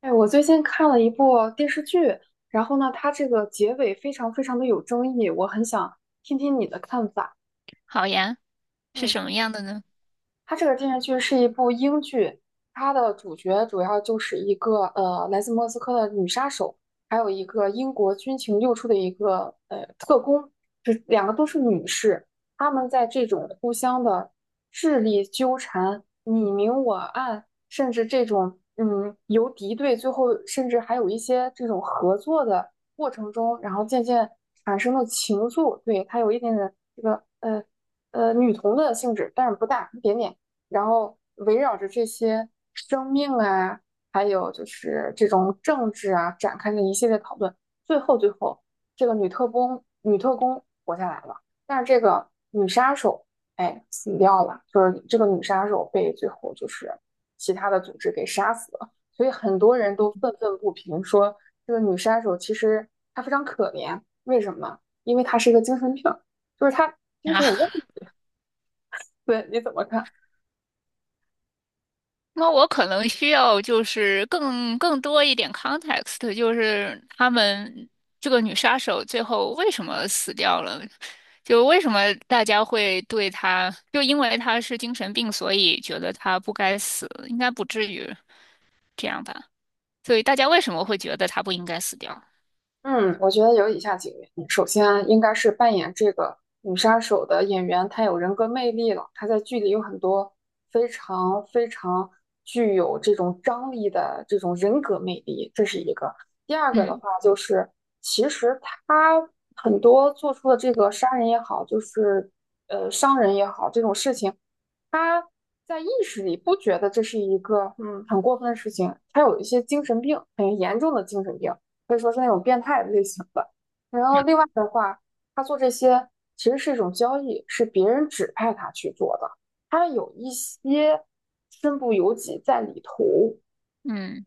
哎，我最近看了一部电视剧，然后呢，它这个结尾非常非常的有争议，我很想听听你的看法。好呀，是嗯。什么样的呢？它这个电视剧是一部英剧，它的主角主要就是一个来自莫斯科的女杀手，还有一个英国军情六处的一个特工，这两个都是女士。她们在这种互相的智力纠缠、你明我暗，甚至这种由敌对，最后甚至还有一些这种合作的过程中，然后渐渐产生了情愫。对，它有一点点这个女同的性质，但是不大，一点点。然后围绕着这些生命啊，还有就是这种政治啊，展开了一系列讨论。最后，这个女特工活下来了，但是这个女杀手哎死掉了，就是这个女杀手被最后就是其他的组织给杀死了。所以很多人都愤愤不平，说这个女杀手其实她非常可怜，为什么？因为她是一个精神病，就是她 精啊，神有问题。对，你怎么看？那我可能需要就是更多一点 context，就是他们这个女杀手最后为什么死掉了？就为什么大家会对她，就因为她是精神病，所以觉得她不该死，应该不至于这样吧？所以大家为什么会觉得她不应该死掉？嗯，我觉得有以下几个原因。首先啊，应该是扮演这个女杀手的演员，她有人格魅力了。她在剧里有很多非常非常具有这种张力的这种人格魅力，这是一个。第二个的嗯话，就是其实她很多做出的这个杀人也好，就是伤人也好，这种事情，她在意识里不觉得这是一个很过分的事情，她有一些精神病，很严重的精神病。可以说是那种变态的类型的。然后另外的话，他做这些其实是一种交易，是别人指派他去做的，他有一些身不由己在里头。嗯。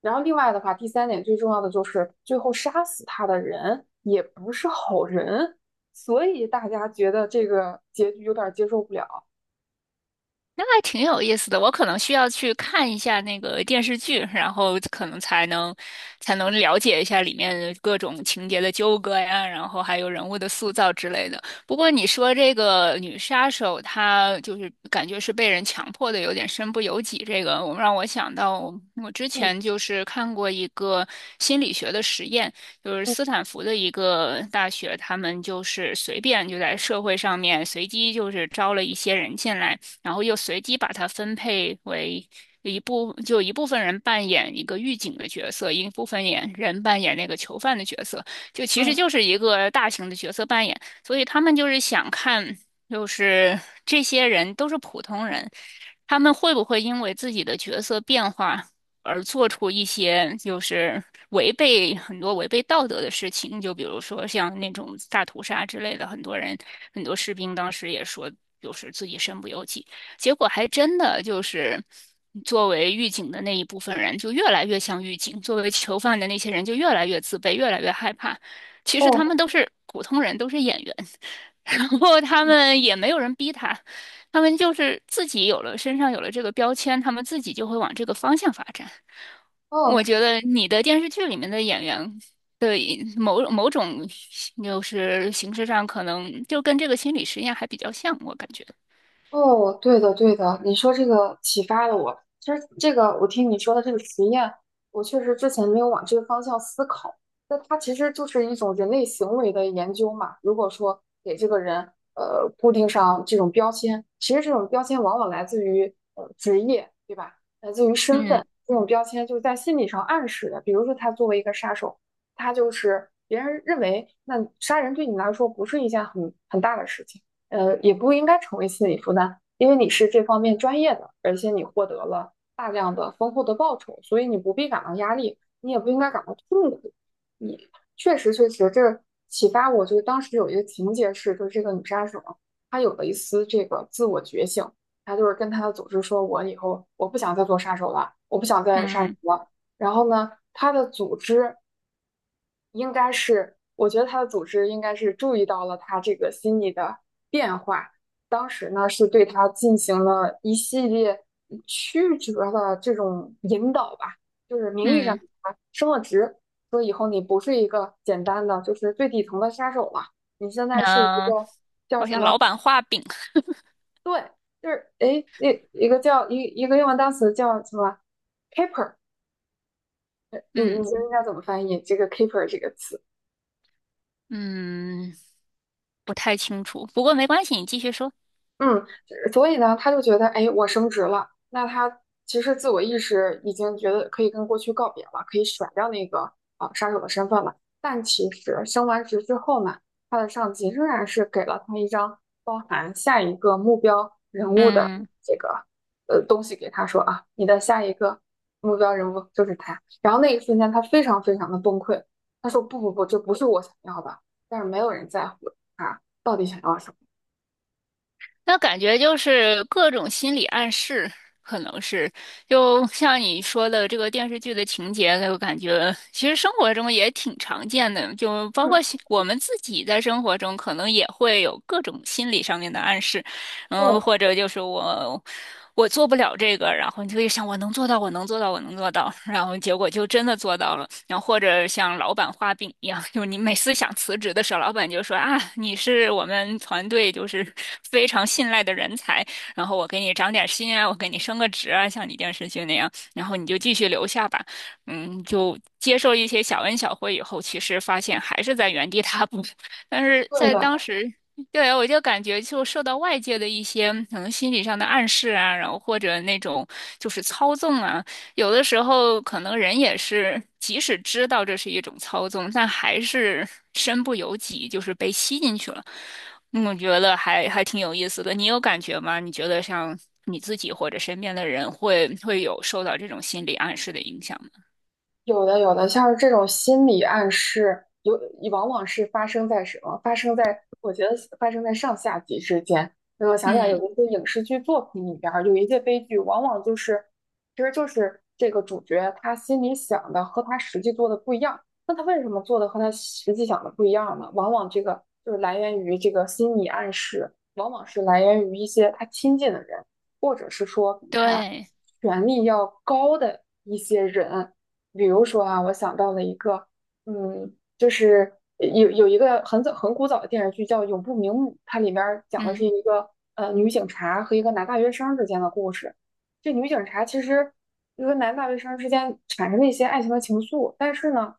然后另外的话，第三点最重要的就是最后杀死他的人也不是好人，所以大家觉得这个结局有点接受不了。那还挺有意思的，我可能需要去看一下那个电视剧，然后可能才能了解一下里面各种情节的纠葛呀，然后还有人物的塑造之类的。不过你说这个女杀手，她就是感觉是被人强迫的，有点身不由己。这个让我想到，我之嗯前就是看过一个心理学的实验，就是嗯斯坦福的一个大学，他们就是随便就在社会上面随机就是招了一些人进来。然后又随机把它分配为一部，就一部分人扮演一个狱警的角色，一部分演人扮演那个囚犯的角色，就其实嗯，就是一个大型的角色扮演，所以他们就是想看，就是这些人都是普通人，他们会不会因为自己的角色变化而做出一些就是违背道德的事情？就比如说像那种大屠杀之类的，很多人很多士兵当时也说，就是自己身不由己。结果还真的就是，作为狱警的那一部分人就越来越像狱警，作为囚犯的那些人就越来越自卑，越来越害怕。其实他哦们都是普通人，都是演员，然后他们也没有人逼他，他们就是自己有了身上有了这个标签，他们自己就会往这个方向发展。我哦。觉得你的电视剧里面的演员。的某某种就是形式上，可能就跟这个心理实验还比较像，我感觉。哦，对的，对的，你说这个启发了我。其实这个，我听你说的这个实验，我确实之前没有往这个方向思考。那它其实就是一种人类行为的研究嘛。如果说给这个人固定上这种标签，其实这种标签往往来自于职业，对吧？来自于身嗯份，这种标签就是在心理上暗示的。比如说，他作为一个杀手，他就是别人认为那杀人对你来说不是一件很大的事情。也不应该成为心理负担，因为你是这方面专业的，而且你获得了大量的丰厚的报酬，所以你不必感到压力，你也不应该感到痛苦。你确实，这启发我，就是当时有一个情节是，就是这个女杀手，她有了一丝这个自我觉醒，她就是跟她的组织说，我以后我不想再做杀手了，我不想再杀人嗯了。然后呢，她的组织应该是，我觉得他的组织应该是注意到了他这个心理的变化，当时呢是对他进行了一系列曲折的这种引导吧，就是名义上嗯。给他升了职，说以后你不是一个简单的就是最底层的杀手了，你现在是一嗯，个叫好什像么？老板画饼，对，就是诶，那一个叫一个英文单词叫什么？keeper，你嗯觉得应该怎么翻译这个 keeper 这个词？嗯，不太清楚，不过没关系，你继续说。嗯，所以呢，他就觉得，哎，我升职了，那他其实自我意识已经觉得可以跟过去告别了，可以甩掉那个杀手的身份了。但其实升完职之后呢，他的上级仍然是给了他一张包含下一个目标人物的嗯，这个东西给他说啊，你的下一个目标人物就是他。然后那一瞬间，他非常非常的崩溃，他说不，这不是我想要的，但是没有人在乎他到底想要什么。那感觉就是各种心理暗示，可能是就像你说的这个电视剧的情节，我感觉其实生活中也挺常见的，就包嗯，括心我们自己在生活中可能也会有各种心理上面的暗示。对。嗯，或者就是我做不了这个，然后你就会想我能做到，我能做到，我能做到，然后结果就真的做到了。然后或者像老板画饼一样，就是你每次想辞职的时候，老板就说啊，你是我们团队就是非常信赖的人才，然后我给你涨点薪啊，我给你升个职啊，像你电视剧那样，然后你就继续留下吧。嗯，就接受一些小恩小惠以后，其实发现还是在原地踏步。但是对在当的，时对，我就感觉就受到外界的一些可能心理上的暗示啊，然后或者那种就是操纵啊，有的时候可能人也是，即使知道这是一种操纵，但还是身不由己，就是被吸进去了。嗯我觉得还挺有意思的。你有感觉吗？你觉得像你自己或者身边的人会有受到这种心理暗示的影响吗？有的有的，像是这种心理暗示，有往往是发生在什么？发生在我觉得是发生在上下级之间。所以我想起来有嗯，一些影视剧作品里边儿，有一些悲剧，往往就是其实就是这个主角他心里想的和他实际做的不一样。那他为什么做的和他实际想的不一样呢？往往这个就是来源于这个心理暗示，往往是来源于一些他亲近的人，或者是说比他对，权力要高的一些人。比如说啊，我想到了一个，嗯，就是有一个很早很古早的电视剧叫《永不瞑目》，它里边儿讲的是嗯，一个女警察和一个男大学生之间的故事。这女警察其实就跟男大学生之间产生了一些爱情的情愫，但是呢，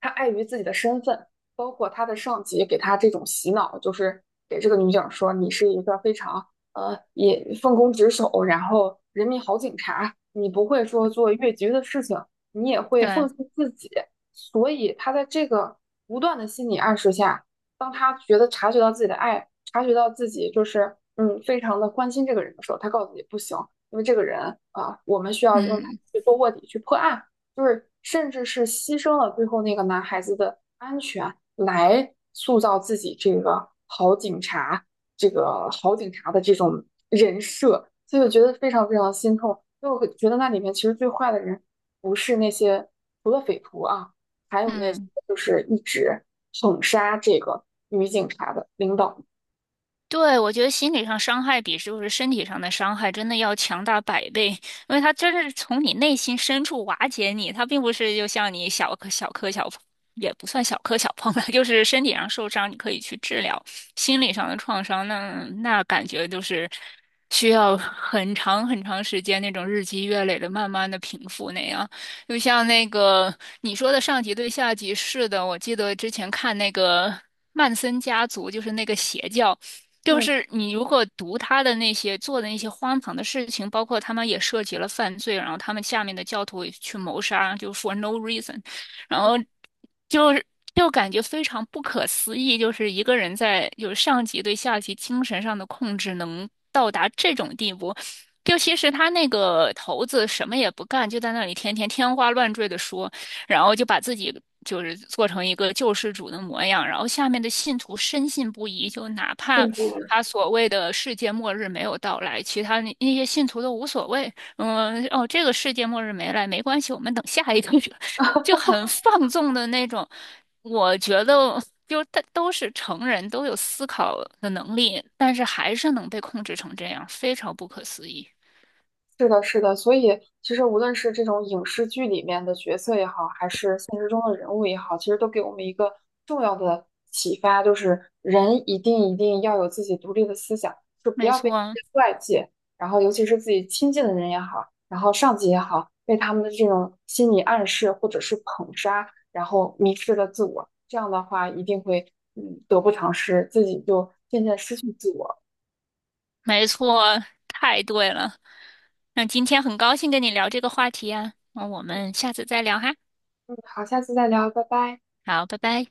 她碍于自己的身份，包括她的上级给她这种洗脑，就是给这个女警说你是一个非常也奉公职守，然后人民好警察，你不会说做越级的事情。你也会奉对，献自己。所以他在这个不断的心理暗示下，当他觉得察觉到自己的爱，察觉到自己就是非常的关心这个人的时候，他告诉你不行，因为这个人啊，我们需要让他嗯去做卧底，去破案，就是甚至是牺牲了最后那个男孩子的安全来塑造自己这个好警察，这个好警察的这种人设。所以我觉得非常非常心痛，所以我会觉得那里面其实最坏的人不是那些除了匪徒啊，还有那些嗯。就是一直捧杀这个女警察的领导，对，我觉得心理上伤害比就是身体上的伤害真的要强大百倍，因为它真的是从你内心深处瓦解你，它并不是就像你小磕小碰，也不算小磕小碰了，就是身体上受伤你可以去治疗，心理上的创伤那感觉就是需要很长很长时间那种日积月累的慢慢的平复那样。就像那个你说的上级对下级，是的，我记得之前看那个曼森家族，就是那个邪教。就嗯，是你如果读他的那些做的那些荒唐的事情，包括他们也涉及了犯罪，然后他们下面的教徒也去谋杀，就 for no reason，然后就是就感觉非常不可思议，就是一个人在就是上级对下级精神上的控制能到达这种地步。就其实他那个头子什么也不干，就在那里天花乱坠的说，然后就把自己就是做成一个救世主的模样，然后下面的信徒深信不疑，就哪甚怕至他所谓的世界末日没有到来，其他那些信徒都无所谓，嗯，哦，这个世界末日没来没关系，我们等下一个，就很放纵的那种。我觉得就他都是成人，都有思考的能力，但是还是能被控制成这样，非常不可思议。是的，是的，所以其实无论是这种影视剧里面的角色也好，还是现实中的人物也好，其实都给我们一个重要的启发，就是人一定一定要有自己独立的思想，就不没要被这错，些外界，然后尤其是自己亲近的人也好，然后上级也好，被他们的这种心理暗示或者是捧杀，然后迷失了自我，这样的话一定会得不偿失，自己就渐渐失去自我。没错，太对了。那今天很高兴跟你聊这个话题啊，那我们下次再聊哈。嗯，好，下次再聊，拜拜。好，拜拜。